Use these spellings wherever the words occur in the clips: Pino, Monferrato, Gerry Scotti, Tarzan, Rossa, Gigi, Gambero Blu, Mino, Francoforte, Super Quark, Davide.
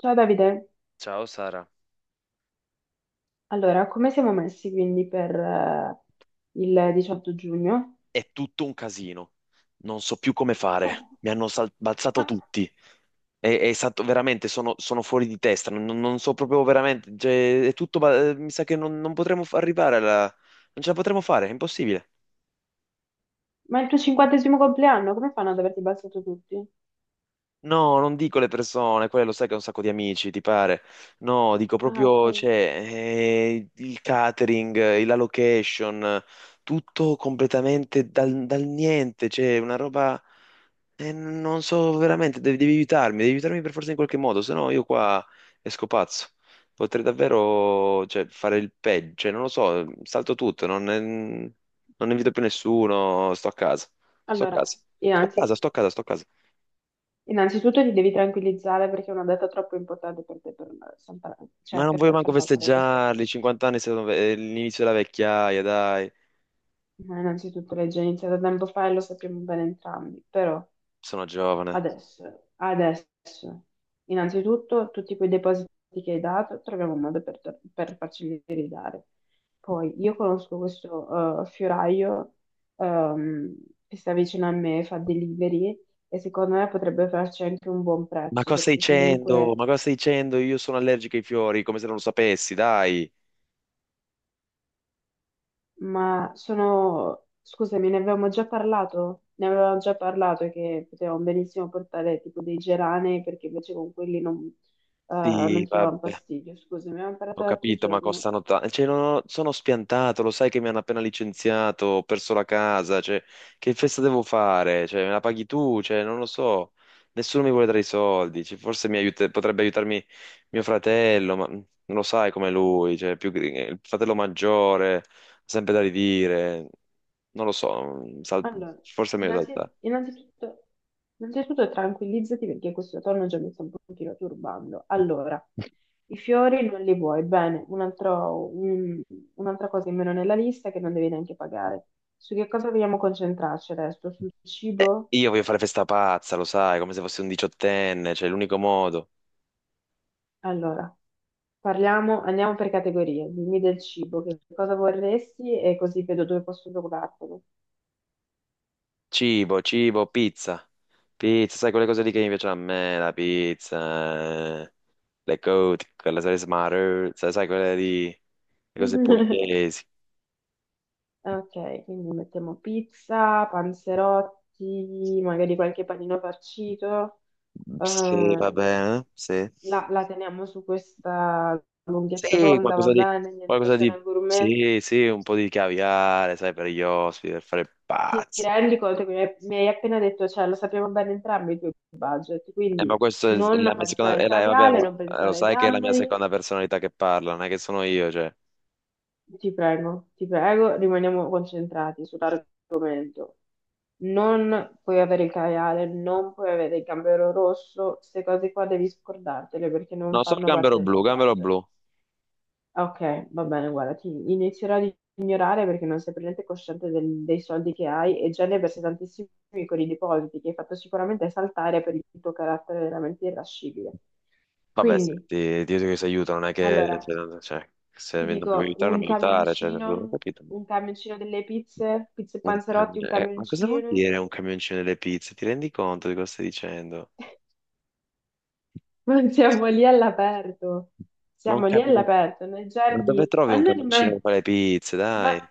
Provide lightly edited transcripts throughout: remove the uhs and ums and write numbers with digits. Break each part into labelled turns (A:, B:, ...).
A: Ciao Davide,
B: Ciao Sara,
A: allora come siamo messi quindi per il 18 giugno?
B: è tutto un casino. Non so più come fare.
A: Oh,
B: Mi hanno balzato
A: ma,
B: tutti. È stato veramente, sono fuori di testa. Non so proprio veramente, cioè, è tutto. Mi sa che non potremo arrivare alla... Non ce la potremo fare, è impossibile.
A: ma è il tuo 50° compleanno, come fanno ad averti abbassato tutti?
B: No, non dico le persone, quelle lo sai che ho un sacco di amici, ti pare. No, dico
A: Ah, ok.
B: proprio, cioè, il catering, la location, tutto completamente dal niente, cioè, una roba. E non so veramente, devi aiutarmi, devi aiutarmi per forza in qualche modo, se no io qua esco pazzo. Potrei davvero, cioè, fare il peggio, cioè, non lo so, salto tutto, non invito più nessuno, sto a casa, sto a
A: Allora,
B: casa, sto a
A: innanzi-
B: casa, sto a casa, sto a casa.
A: innanzitutto ti devi tranquillizzare perché è una data troppo importante per te per saltare,
B: Ma
A: cioè
B: non voglio
A: per
B: manco
A: far saltare questo
B: festeggiarli,
A: evento.
B: 50 anni sono è l'inizio della vecchiaia, dai,
A: Ma innanzitutto l'hai già iniziato tempo fa e lo sappiamo bene entrambi, però
B: sono giovane.
A: adesso innanzitutto tutti quei depositi che hai dato, troviamo un modo per farceli ridare. Poi io conosco questo fioraio ehm, che sta vicino a me, fa delivery e secondo me potrebbe farci anche un buon
B: Ma
A: prezzo
B: cosa stai
A: perché
B: dicendo?
A: comunque.
B: Ma cosa stai dicendo? Io sono allergico ai fiori, come se non lo sapessi, dai.
A: Ma sono, scusami, ne avevamo già parlato? Ne avevamo già parlato che potevamo benissimo portare tipo dei geranei perché invece con quelli non
B: Sì,
A: ci davano
B: vabbè.
A: fastidio. Scusami, avevamo
B: Ho
A: parlato l'altro
B: capito, ma
A: giorno.
B: costano tanto. Cioè, non ho- sono spiantato, lo sai che mi hanno appena licenziato, ho perso la casa, cioè, che festa devo fare? Cioè, me la paghi tu? Cioè, non lo so. Nessuno mi vuole dare i soldi. Cioè, forse potrebbe aiutarmi mio fratello, ma mm, non lo sai come lui, cioè, più... il fratello maggiore, ha sempre da ridire. Non lo so,
A: Allora,
B: forse è meglio saltare.
A: innanzitutto, innanzitutto tranquillizzati perché questo tono già mi sta un pochino turbando. Allora, i fiori non li vuoi, bene, un'altra cosa in meno nella lista che non devi neanche pagare. Su che cosa vogliamo concentrarci adesso? Sul cibo?
B: Io voglio fare festa pazza, lo sai, come se fossi un diciottenne, cioè, è l'unico modo.
A: Allora, parliamo, andiamo per categorie. Dimmi del cibo, che cosa vorresti e così vedo dove posso procurartelo.
B: Cibo, cibo, pizza. Pizza, sai quelle cose lì che invece a me, la pizza, le cote, quelle salse maruzza, sai quelle lì, le cose pugliesi.
A: Ok, quindi mettiamo pizza, panzerotti, magari qualche panino farcito.
B: Sì, va
A: Ehm,
B: bene, sì.
A: la teniamo su questa lunghezza
B: Sì,
A: d'onda, va bene? Niente
B: qualcosa di,
A: cena gourmet.
B: sì, sì, un po' di caviale, sai, per gli ospiti, per fare
A: Ti
B: pazzi.
A: rendi conto che mi hai appena detto, cioè lo sappiamo bene entrambi i tuoi budget,
B: Ma
A: quindi
B: questa è la
A: non
B: mia
A: pensare
B: seconda,
A: al
B: vabbè,
A: caviale, non
B: ma lo
A: pensare ai
B: sai che è la mia
A: gamberi,
B: seconda personalità che parla, non è che sono io, cioè.
A: ti prego, rimaniamo concentrati sull'argomento. Non puoi avere il caviale, non puoi avere il gambero rosso, queste cose qua devi scordartele perché non
B: No, sono
A: fanno
B: Gambero
A: parte del
B: Blu,
A: tuo
B: Gambero
A: budget.
B: Blu.
A: Ok, va bene, guarda, ti inizierò ad ignorare perché non sei per niente cosciente dei soldi che hai e già ne versi tantissimi con i depositi che hai fatto sicuramente saltare per il tuo carattere veramente irascibile.
B: Vabbè, se
A: Quindi,
B: ti aiuto che si aiuta, non è che
A: allora,
B: cioè, cioè, se
A: ti
B: non mi vuoi
A: dico
B: aiutare, non mi aiutare, cioè, non ho capito, boh.
A: un camioncino delle pizze, pizze e panzerotti, un
B: Ma cosa vuol
A: camioncino.
B: dire un camioncino delle pizze? Ti rendi conto di cosa stai dicendo?
A: Ma
B: Ma,
A: siamo lì all'aperto, nei
B: ma dove
A: giardini,
B: trovi
A: ma
B: un
A: non
B: camioncino
A: immagino.
B: per fare le pizze, dai?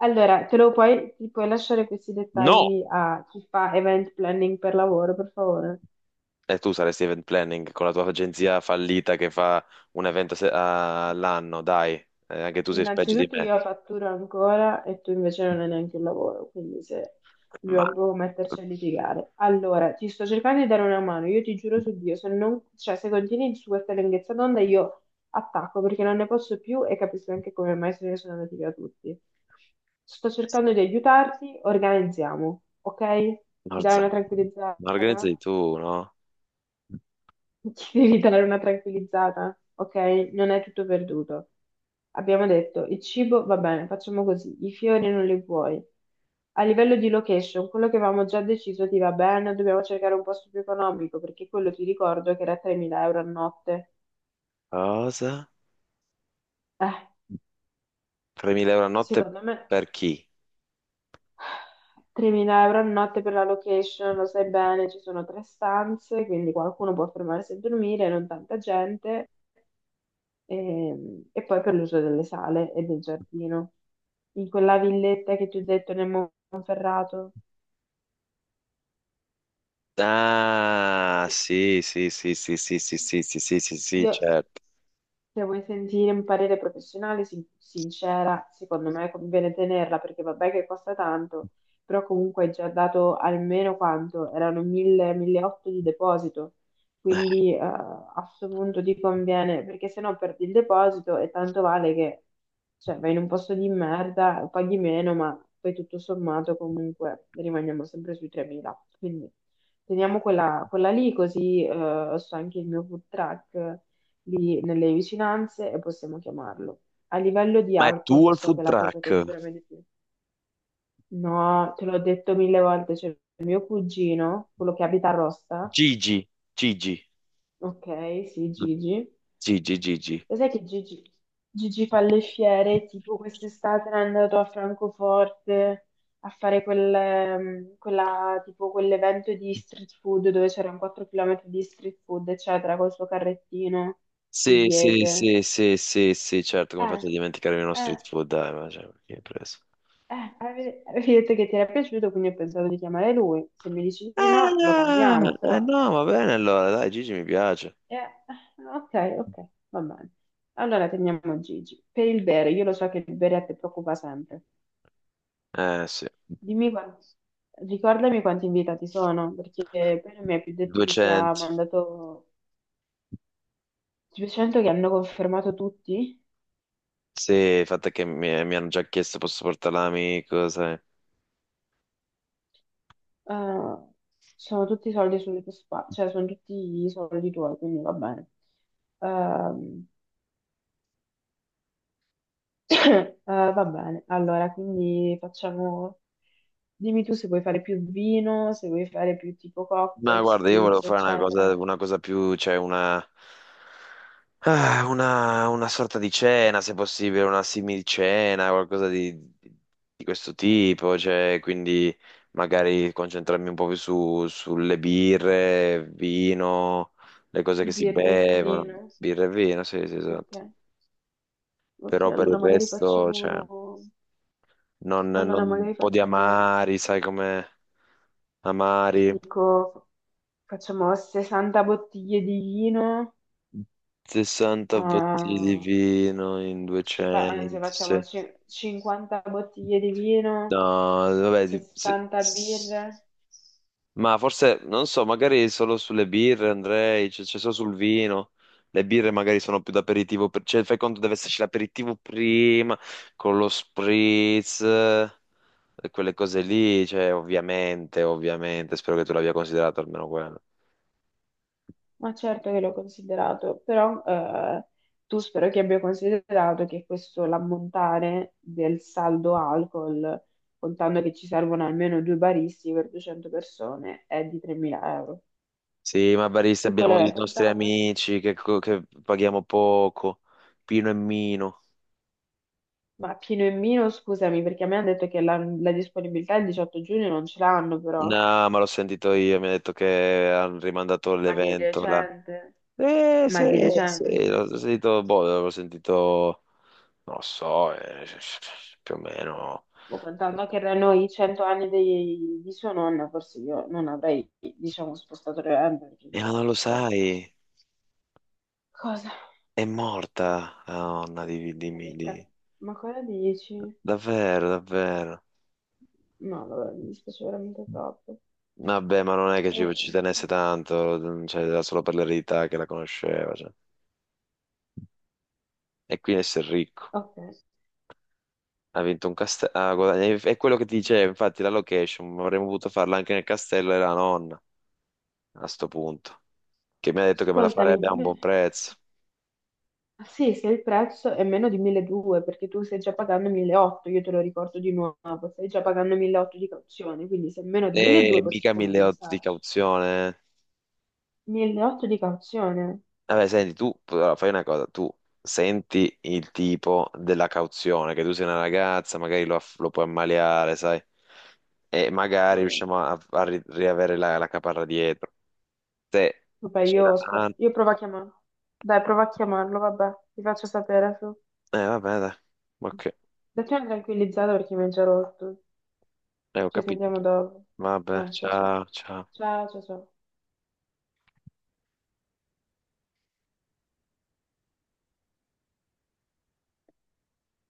A: Allora, ti puoi lasciare questi
B: No!
A: dettagli a chi fa event planning per lavoro, per favore?
B: E tu saresti event planning con la tua agenzia fallita che fa un evento all'anno, dai. Anche tu sei peggio di
A: Innanzitutto
B: me.
A: io fatturo ancora e tu invece non hai neanche un lavoro, quindi se
B: Ma...
A: dobbiamo proprio metterci a litigare. Allora, ti sto cercando di dare una mano, io ti giuro su Dio, se non, cioè, se continui su questa lunghezza d'onda io attacco perché non ne posso più e capisco anche come mai se ne sono andati via tutti. Sto cercando di aiutarti, organizziamo, ok? Ti dai
B: Norza,
A: una
B: ma
A: tranquillizzata?
B: organizzi tu, no?
A: Ci devi dare una tranquillizzata, ok? Non è tutto perduto. Abbiamo detto, il cibo va bene, facciamo così, i fiori non li vuoi. A livello di location, quello che avevamo già deciso ti va bene, dobbiamo cercare un posto più economico, perché quello ti ricordo che era 3.000 euro a notte.
B: Cosa?
A: Eh,
B: 3.000 euro a notte
A: secondo me
B: per chi?
A: 3.000 euro a notte per la location, lo sai bene, ci sono 3 stanze, quindi qualcuno può fermarsi a dormire, non tanta gente. E poi per l'uso delle sale e del giardino. In quella villetta che ti ho detto nel Monferrato,
B: Ah, sì, sì, sì, sì, sì, sì, sì, sì, sì, sì, sì, sì,
A: io,
B: certo.
A: se vuoi sentire un parere professionale, sincera, secondo me conviene tenerla perché vabbè che costa tanto, però comunque hai già dato almeno quanto? Erano 1000, 1800 di deposito, quindi a questo punto ti conviene, perché se no perdi il deposito e tanto vale che, cioè, vai in un posto di merda, paghi meno, ma poi tutto sommato comunque rimaniamo sempre sui 3.000. Quindi teniamo quella lì così, so anche il mio food truck lì nelle vicinanze e possiamo chiamarlo. A livello di
B: Ma è
A: alcol,
B: tuo
A: che
B: il
A: so
B: food
A: che è la cosa che
B: truck?
A: ti preme di più. No, te l'ho detto 1000 volte, c'è il mio cugino, quello che abita a Rossa,
B: Gigi, Gigi,
A: ok, sì, Gigi.
B: Gigi, Gigi.
A: Lo sai che Gigi, Gigi fa le fiere, tipo quest'estate era andato a Francoforte a fare quel, tipo quell'evento di street food dove c'erano 4 km di street food, eccetera, col suo carrettino
B: Sì, sì,
A: pugliese.
B: sì, sì, sì, sì, certo, come
A: Eh,
B: faccio a dimenticare uno
A: eh.
B: street food? Dai, ma cioè, chi hai preso?
A: Avevi detto che ti era piaciuto, quindi ho pensato di chiamare lui. Se mi dici di no, lo
B: Ah,
A: cambiamo,
B: eh
A: però...
B: no, va bene allora, dai, Gigi mi piace.
A: ok, ok, va bene. Allora teniamo Gigi. Per il bere, io lo so che il bere a te preoccupa sempre.
B: Eh sì,
A: Dimmi quanti... Ricordami quanti invitati sono, perché poi non mi hai più detto chi ti ha
B: 200.
A: mandato... Ti sento che hanno confermato tutti?
B: Sì, il fatto è che mi hanno già chiesto posso portare l'amico, sai.
A: Eh, sono tutti soldi sulle tue spalle, cioè sono tutti i soldi tuoi, quindi va bene. Ehm, va bene, allora, quindi facciamo... Dimmi tu se vuoi fare più vino, se vuoi fare più tipo
B: Ma
A: cocktail,
B: guarda, io volevo
A: spritz,
B: fare
A: eccetera.
B: una cosa più, una sorta di cena, se possibile, una simil-cena, qualcosa di, di- di questo tipo, cioè, quindi magari concentrarmi un po' più sulle birre, vino, le cose che si
A: Birra e
B: bevono,
A: vino.
B: birra e vino, sì, sì,
A: Ok,
B: esatto.
A: ok,
B: Però per il
A: allora magari
B: resto, cioè...
A: facciamo... Allora
B: un
A: magari
B: po' di
A: facciamo...
B: amari, sai come
A: Ti
B: amari,
A: dico, facciamo 60 bottiglie di vino,
B: 60 bottiglie di
A: ah,
B: vino in
A: ci fa- anzi
B: 200,
A: facciamo
B: sì.
A: cin- 50 bottiglie di
B: No,
A: vino,
B: vabbè,
A: 60 birre.
B: ma forse, non so, magari solo sulle birre andrei, cioè solo sul vino. Le birre magari sono più d'aperitivo, cioè fai conto deve esserci l'aperitivo prima, con lo spritz, quelle cose lì, cioè ovviamente, ovviamente, spero che tu l'abbia considerato almeno quello.
A: Ma certo che l'ho considerato, però tu spero che abbia considerato che questo l'ammontare del saldo alcol, contando che ci servono almeno 2 baristi per 200 persone, è di 3.000 euro.
B: Sì, ma barista
A: Tu
B: abbiamo
A: quello
B: i
A: l'hai
B: nostri
A: contato?
B: amici che, che paghiamo poco, Pino e Mino.
A: Ma Pino e Mino, scusami, perché a me hanno detto che la disponibilità il 18 giugno non ce l'hanno però.
B: No, ma l'ho sentito io, mi ha detto che hanno rimandato
A: Ma di
B: l'evento là.
A: recente? Ma
B: Sì,
A: di
B: sì,
A: recente?
B: l'ho sentito, boh, l'ho sentito, non lo so, più o meno.
A: Boh, contando che erano i 100 anni di sua nonna, forse io non avrei, diciamo, spostato le gambe, perché
B: Ma non
A: chissà,
B: lo
A: però.
B: sai,
A: Cosa?
B: è morta la nonna
A: Ma che cazzo? Ma cosa dici?
B: davvero, davvero.
A: No, vabbè, mi dispiace veramente troppo.
B: Vabbè, ma non è che ci
A: Eh,
B: tenesse tanto, cioè, era solo per l'eredità che la conosceva, cioè. E quindi essere ricco.
A: ok.
B: Ha vinto un castello. È quello che ti dicevo, infatti, la location. Avremmo potuto farla anche nel castello della nonna a sto punto. Che mi ha detto che me la
A: Ascoltami,
B: farebbe a un
A: dimmi-
B: buon prezzo.
A: ah, sì, se il prezzo è meno di 1.200, perché tu stai già pagando 1.800, io te lo ricordo di nuovo, stai già pagando 1.800 di cauzione, quindi se è meno di
B: E
A: 1.200
B: mica
A: possiamo
B: 1.800 di
A: pensarci.
B: cauzione, eh.
A: 1.800 di cauzione?
B: Vabbè, senti, tu allora, fai una cosa, tu senti il tipo della cauzione, che tu sei una ragazza, magari lo, lo puoi ammaliare, sai? E magari
A: Vabbè,
B: riusciamo a, riavere la, la caparra dietro. Se
A: Vabbè,
B: c'è
A: io,
B: la... danno,
A: io provo a chiamarlo. Dai, prova a chiamarlo, vabbè, ti faccio sapere su.
B: eh, vabbè, dai. Ok.
A: Datti una tranquillizzata perché mi ha già rotto.
B: Ho
A: Ci sentiamo
B: capito.
A: dopo.
B: Vabbè,
A: Ciao ciao.
B: ciao, ciao.
A: Ciao ciao ciao.